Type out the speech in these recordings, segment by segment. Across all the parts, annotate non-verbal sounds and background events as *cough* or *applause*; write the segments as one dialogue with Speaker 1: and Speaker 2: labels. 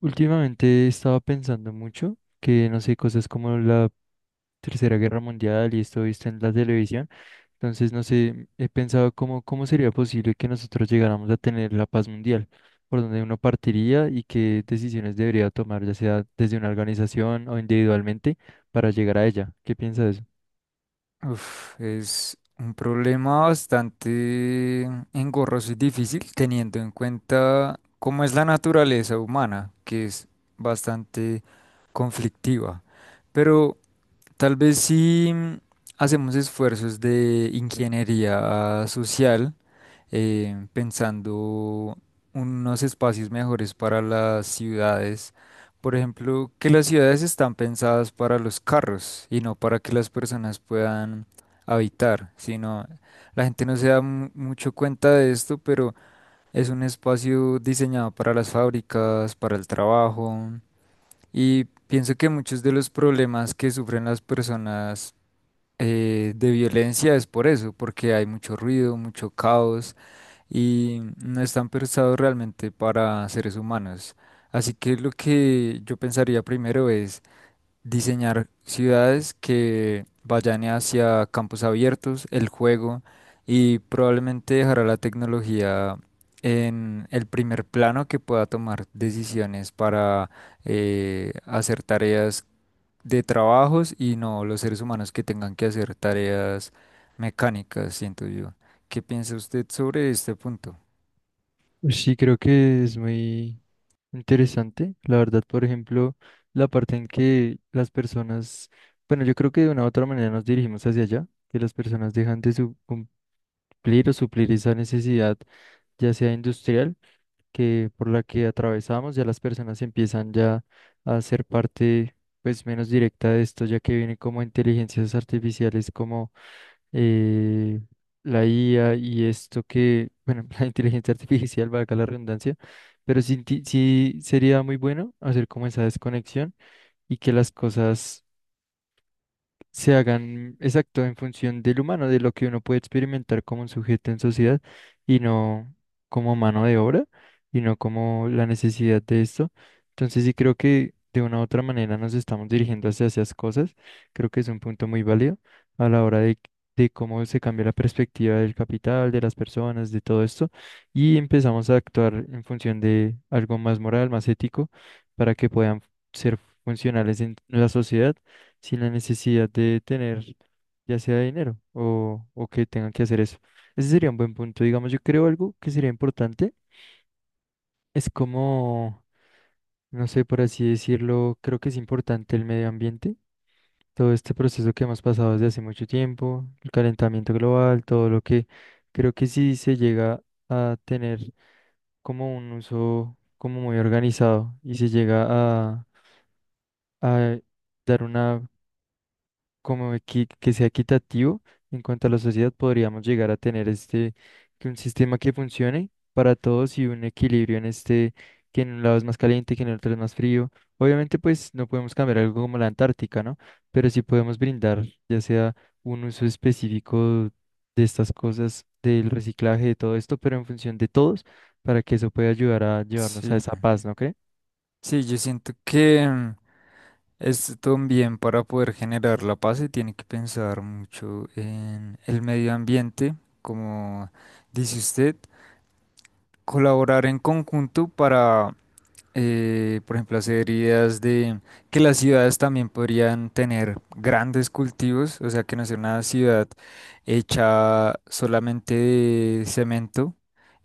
Speaker 1: Últimamente estaba pensando mucho que, no sé, cosas como la Tercera Guerra Mundial y esto visto en la televisión. Entonces, no sé, he pensado cómo sería posible que nosotros llegáramos a tener la paz mundial, por donde uno partiría y qué decisiones debería tomar, ya sea desde una organización o individualmente, para llegar a ella. ¿Qué piensa de eso?
Speaker 2: Uf, es un problema bastante engorroso y difícil teniendo en cuenta cómo es la naturaleza humana, que es bastante conflictiva. Pero tal vez si hacemos esfuerzos de ingeniería social, pensando unos espacios mejores para las ciudades. Por ejemplo, que las ciudades están pensadas para los carros y no para que las personas puedan habitar, sino la gente no se da mucho cuenta de esto, pero es un espacio diseñado para las fábricas, para el trabajo y pienso que muchos de los problemas que sufren las personas de violencia es por eso, porque hay mucho ruido, mucho caos y no están pensados realmente para seres humanos. Así que lo que yo pensaría primero es diseñar ciudades que vayan hacia campos abiertos, el juego y probablemente dejará la tecnología en el primer plano que pueda tomar decisiones para hacer tareas de trabajos y no los seres humanos que tengan que hacer tareas mecánicas, siento yo. ¿Qué piensa usted sobre este punto?
Speaker 1: Pues sí, creo que es muy interesante, la verdad. Por ejemplo, la parte en que las personas, bueno, yo creo que de una u otra manera nos dirigimos hacia allá, que las personas dejan de cumplir o suplir esa necesidad, ya sea industrial, que por la que atravesamos, ya las personas empiezan ya a ser parte, pues, menos directa de esto, ya que viene como inteligencias artificiales, como eh, la IA y esto que, bueno, *laughs* la inteligencia artificial, valga la redundancia. Pero sí, sí sería muy bueno hacer como esa desconexión y que las cosas se hagan exacto en función del humano, de lo que uno puede experimentar como un sujeto en sociedad y no como mano de obra y no como la necesidad de esto. Entonces sí creo que de una u otra manera nos estamos dirigiendo hacia esas cosas. Creo que es un punto muy válido a la hora de cómo se cambia la perspectiva del capital, de las personas, de todo esto, y empezamos a actuar en función de algo más moral, más ético, para que puedan ser funcionales en la sociedad sin la necesidad de tener ya sea dinero o que tengan que hacer eso. Ese sería un buen punto. Digamos, yo creo algo que sería importante es como, no sé, por así decirlo, creo que es importante el medio ambiente, todo este proceso que hemos pasado desde hace mucho tiempo, el calentamiento global, todo lo que creo que si se llega a tener como un uso como muy organizado y se llega a, a dar una como que sea equitativo en cuanto a la sociedad, podríamos llegar a tener este, que un sistema que funcione para todos y un equilibrio en este, que en un lado es más caliente, que en el otro es más frío. Obviamente, pues no podemos cambiar algo como la Antártica, ¿no? Pero sí podemos brindar, ya sea un uso específico de estas cosas, del reciclaje, de todo esto, pero en función de todos, para que eso pueda ayudar a llevarnos
Speaker 2: Sí,
Speaker 1: a esa paz, ¿no cree?
Speaker 2: sí, yo siento que es también para poder generar la paz se tiene que pensar mucho en el medio ambiente, como dice usted, colaborar en conjunto para por ejemplo, hacer ideas de que las ciudades también podrían tener grandes cultivos, o sea, que no sea una ciudad hecha solamente de cemento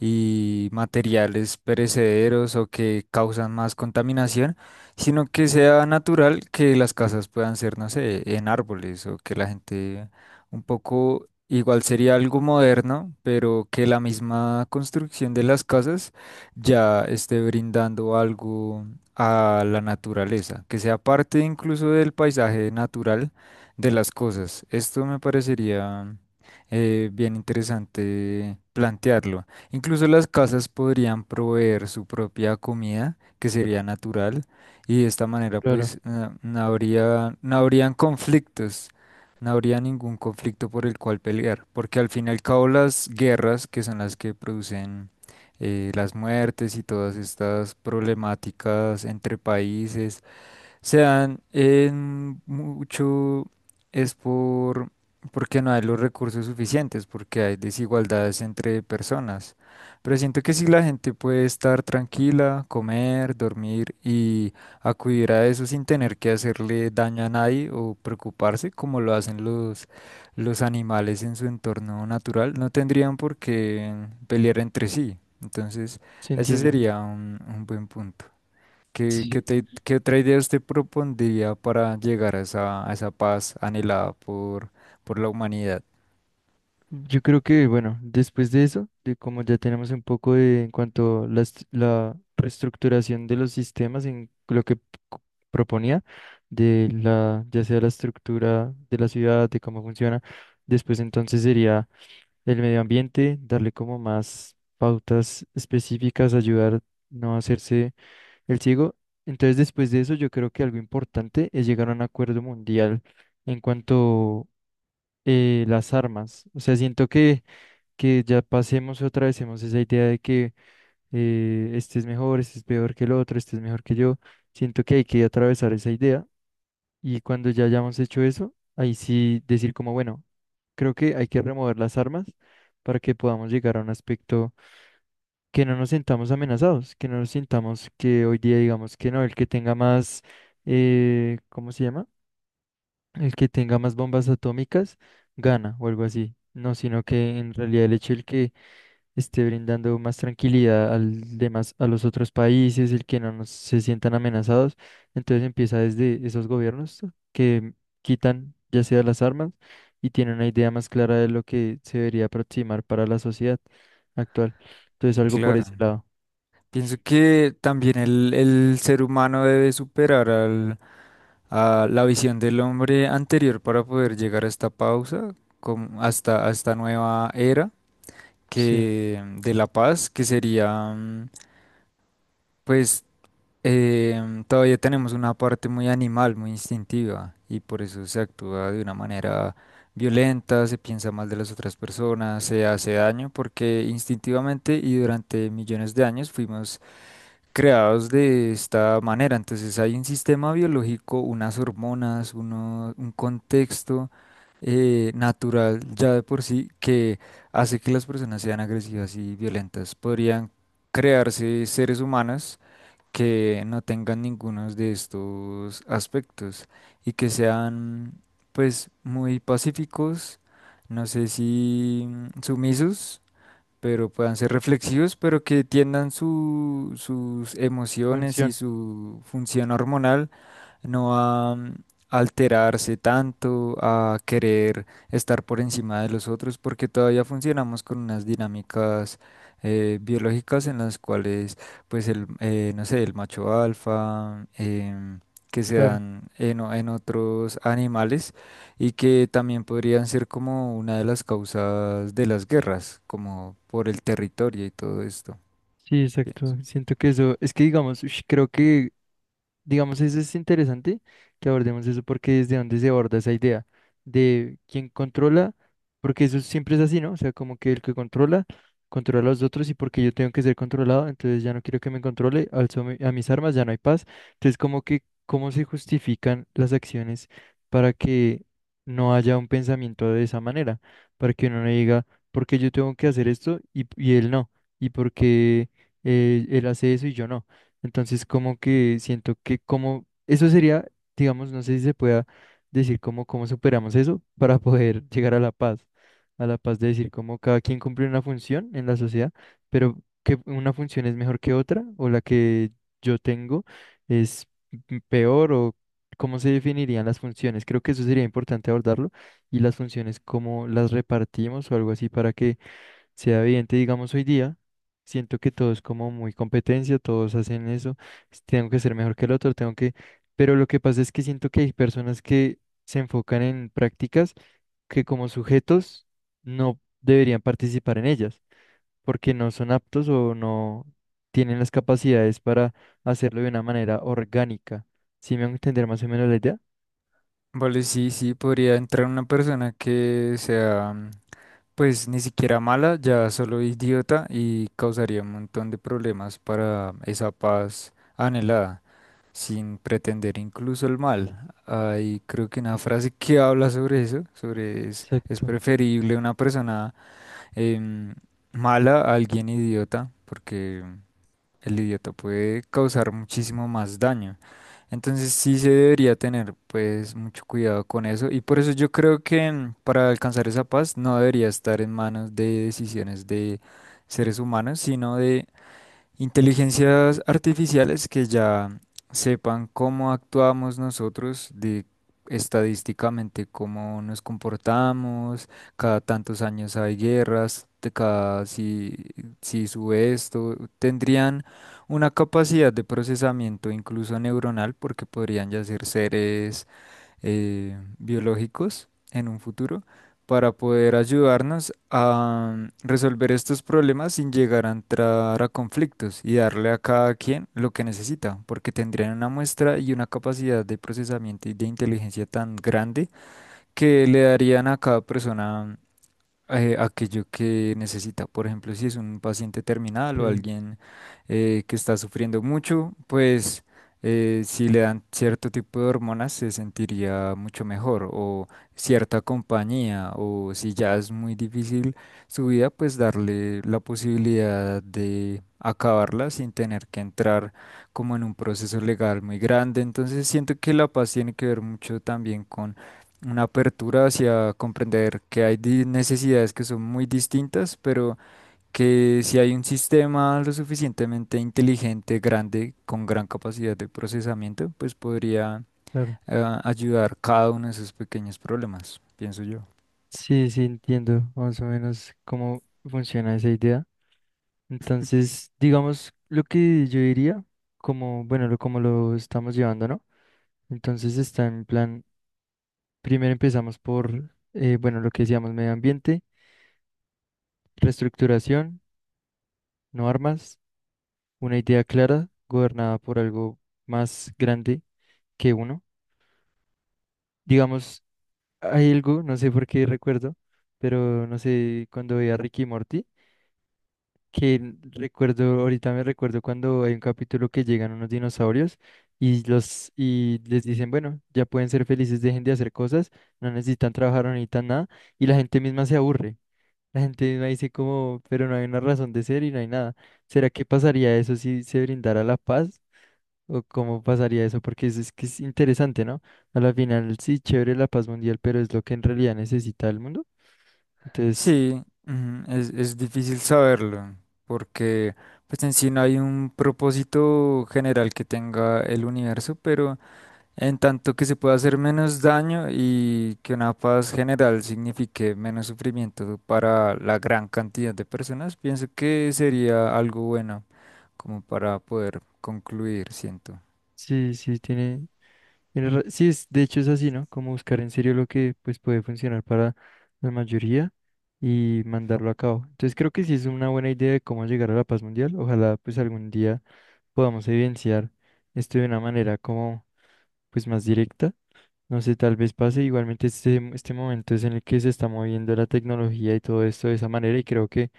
Speaker 2: y materiales perecederos o que causan más contaminación, sino que sea natural que las casas puedan ser, no sé, en árboles o que la gente un poco. Igual sería algo moderno, pero que la misma construcción de las casas ya esté brindando algo a la naturaleza, que sea parte incluso del paisaje natural de las cosas. Esto me parecería bien interesante plantearlo. Incluso las casas podrían proveer su propia comida, que sería natural, y de esta manera
Speaker 1: Claro,
Speaker 2: pues no habrían conflictos. No habría ningún conflicto por el cual pelear, porque al fin y al cabo las guerras, que son las que producen las muertes y todas estas problemáticas entre países se dan en mucho es por porque no hay los recursos suficientes, porque hay desigualdades entre personas. Pero siento que si la gente puede estar tranquila, comer, dormir y acudir a eso sin tener que hacerle daño a nadie o preocuparse como lo hacen los animales en su entorno natural, no tendrían por qué pelear entre sí. Entonces,
Speaker 1: sí
Speaker 2: ese
Speaker 1: entiendo.
Speaker 2: sería un buen punto. ¿Qué, qué otra idea usted propondría para llegar a esa paz anhelada por la humanidad?
Speaker 1: Yo creo que, bueno, después de eso, de como ya tenemos un poco de en cuanto a la, la reestructuración de los sistemas en lo que co- proponía, de la, ya sea la estructura de la ciudad, de cómo funciona, después entonces sería el medio ambiente, darle como más pautas específicas, ayudar no a hacerse el ciego. Entonces, después de eso, yo creo que algo importante es llegar a un acuerdo mundial en cuanto las armas. O sea, siento que ya pasemos otra vez, hemos esa idea de que este es mejor, este es peor que el otro, este es mejor que yo. Siento que hay que atravesar esa idea y cuando ya hayamos hecho eso, ahí sí decir como, bueno, creo que hay que remover las armas para que podamos llegar a un aspecto que no nos sintamos amenazados, que no nos sintamos que hoy día digamos que no, el que tenga más, ¿cómo se llama? El que tenga más bombas atómicas gana o algo así. No, sino que en realidad el hecho el que esté brindando más tranquilidad al demás, a los otros países, el que no se sientan amenazados. Entonces empieza desde esos gobiernos que quitan ya sea las armas y tienen una idea más clara de lo que se debería aproximar para la sociedad actual. Entonces algo por
Speaker 2: Claro.
Speaker 1: ese lado.
Speaker 2: Pienso que también el ser humano debe a la visión del hombre anterior para poder llegar a esta pausa, a esta nueva era
Speaker 1: Sí,
Speaker 2: que, de la paz, que sería pues eh, todavía tenemos una parte muy animal, muy instintiva, y por eso se actúa de una manera violenta, se piensa mal de las otras personas, se hace daño, porque instintivamente y durante millones de años fuimos creados de esta manera. Entonces hay un sistema biológico, unas hormonas, un contexto natural ya de por sí que hace que las personas sean agresivas y violentas. Podrían crearse seres humanos que no tengan ninguno de estos aspectos y que sean pues muy pacíficos, no sé si sumisos, pero puedan ser reflexivos, pero que tiendan sus emociones y
Speaker 1: función,
Speaker 2: su función hormonal no a alterarse tanto, a querer estar por encima de los otros, porque todavía funcionamos con unas dinámicas biológicas en las cuales, pues, el, no sé, el macho alfa, que se
Speaker 1: claro.
Speaker 2: dan en, en otros animales y que también podrían ser como una de las causas de las guerras, como por el territorio y todo esto,
Speaker 1: Sí,
Speaker 2: pienso.
Speaker 1: exacto. Siento que eso, es que digamos, ush, creo que. Digamos, eso es interesante que abordemos eso porque desde dónde se aborda esa idea de quién controla, porque eso siempre es así, ¿no? O sea, como que el que controla, controla a los otros y porque yo tengo que ser controlado, entonces ya no quiero que me controle, alzo a mis armas, ya no hay paz. Entonces, como que, ¿cómo se justifican las acciones para que no haya un pensamiento de esa manera? Para que uno no diga, ¿por qué yo tengo que hacer esto y él no? ¿Y por qué él hace eso y yo no? Entonces, como que siento que como eso sería, digamos, no sé si se pueda decir cómo superamos eso *laughs* para poder llegar a la paz de decir cómo cada quien cumple una función en la sociedad, pero que una función es mejor que otra o la que yo tengo es peor o cómo se definirían las funciones. Creo que eso sería importante abordarlo y las funciones, cómo las repartimos o algo así para que sea evidente. Digamos hoy día, siento que todo es como muy competencia, todos hacen eso, tengo que ser mejor que el otro, tengo que, pero lo que pasa es que siento que hay personas que se enfocan en prácticas que como sujetos no deberían participar en ellas, porque no son aptos o no tienen las capacidades para hacerlo de una manera orgánica. ¿Sí me van a entender más o menos la idea?
Speaker 2: Vale, sí, sí, podría entrar una persona que sea pues ni siquiera mala, ya solo idiota y causaría un montón de problemas para esa paz anhelada, sin pretender incluso el mal. Hay creo que una frase que habla sobre eso, es
Speaker 1: Exacto,
Speaker 2: preferible una persona em, mala a alguien idiota, porque el idiota puede causar muchísimo más daño. Entonces sí se debería tener pues mucho cuidado con eso y por eso yo creo que para alcanzar esa paz no debería estar en manos de decisiones de seres humanos, sino de inteligencias artificiales que ya sepan cómo actuamos nosotros de estadísticamente, cómo nos comportamos, cada tantos años hay guerras, de cada si, si sube esto, tendrían una capacidad de procesamiento incluso neuronal porque podrían ya ser seres biológicos en un futuro para poder ayudarnos a resolver estos problemas sin llegar a entrar a conflictos y darle a cada quien lo que necesita, porque tendrían una muestra y una capacidad de procesamiento y de inteligencia tan grande que le darían a cada persona aquello que necesita. Por ejemplo, si es un paciente terminal o
Speaker 1: sí,
Speaker 2: alguien que está sufriendo mucho, pues si le dan cierto tipo de hormonas se sentiría mucho mejor o cierta compañía o si ya es muy difícil su vida, pues darle la posibilidad de acabarla sin tener que entrar como en un proceso legal muy grande. Entonces siento que la paz tiene que ver mucho también una apertura hacia comprender que hay necesidades que son muy distintas, pero que si hay un sistema lo suficientemente inteligente, grande, con gran capacidad de procesamiento, pues podría
Speaker 1: claro.
Speaker 2: ayudar cada uno de esos pequeños problemas, pienso yo.
Speaker 1: Sí, sí, entiendo más o menos cómo funciona esa idea. Entonces, digamos lo que yo diría, como, bueno, lo, como lo estamos llevando, ¿no? Entonces está en plan, primero empezamos por, bueno, lo que decíamos, medio ambiente, reestructuración, no armas, una idea clara, gobernada por algo más grande que uno. Digamos, hay algo, no sé por qué recuerdo, pero no sé, cuando veía a Ricky y Morty, que recuerdo, ahorita me recuerdo cuando hay un capítulo que llegan unos dinosaurios y los y les dicen, bueno, ya pueden ser felices, dejen de hacer cosas, no necesitan trabajar, no necesitan nada, y la gente misma se aburre. La gente misma dice como, pero no hay una razón de ser y no hay nada. ¿Será que pasaría eso si se brindara la paz? ¿O cómo pasaría eso? Porque eso es que es interesante, ¿no? A la final, sí, chévere la paz mundial, pero es lo que en realidad necesita el mundo. Entonces,
Speaker 2: Sí, ujú, es difícil saberlo, porque pues en sí no hay un propósito general que tenga el universo, pero en tanto que se pueda hacer menos daño y que una paz general signifique menos sufrimiento para la gran cantidad de personas, pienso que sería algo bueno como para poder concluir, siento.
Speaker 1: sí, sí, tiene. Tienes sí, es, de hecho es así, ¿no? Como buscar en serio lo que pues puede funcionar para la mayoría y mandarlo a cabo. Entonces creo que sí es una buena idea de cómo llegar a la paz mundial. Ojalá pues algún día podamos evidenciar esto de una manera como pues más directa. No sé, tal vez pase igualmente este, este momento es en el que se está moviendo la tecnología y todo esto de esa manera y creo que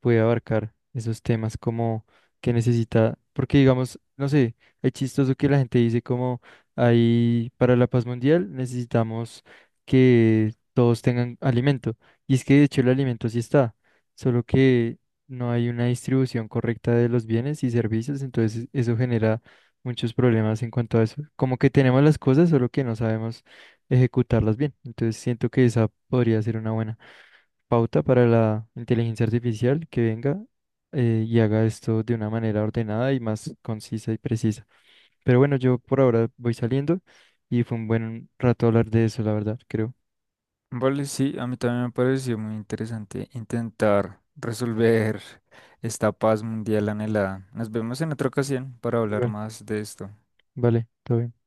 Speaker 1: puede abarcar esos temas como que necesita, porque digamos, no sé, es chistoso que la gente dice como ahí para la paz mundial necesitamos que todos tengan alimento y es que de hecho el alimento sí está, solo que no hay una distribución correcta de los bienes y servicios, entonces eso genera muchos problemas en cuanto a eso. Como que tenemos las cosas, solo que no sabemos ejecutarlas bien. Entonces siento que esa podría ser una buena pauta para la inteligencia artificial que venga, y haga esto de una manera ordenada y más concisa y precisa. Pero bueno, yo por ahora voy saliendo y fue un buen rato hablar de eso, la verdad, creo.
Speaker 2: Vale, sí, a mí también me pareció muy interesante intentar resolver esta paz mundial anhelada. Nos vemos en otra ocasión para hablar
Speaker 1: Igual,
Speaker 2: más de esto.
Speaker 1: vale, todo bien.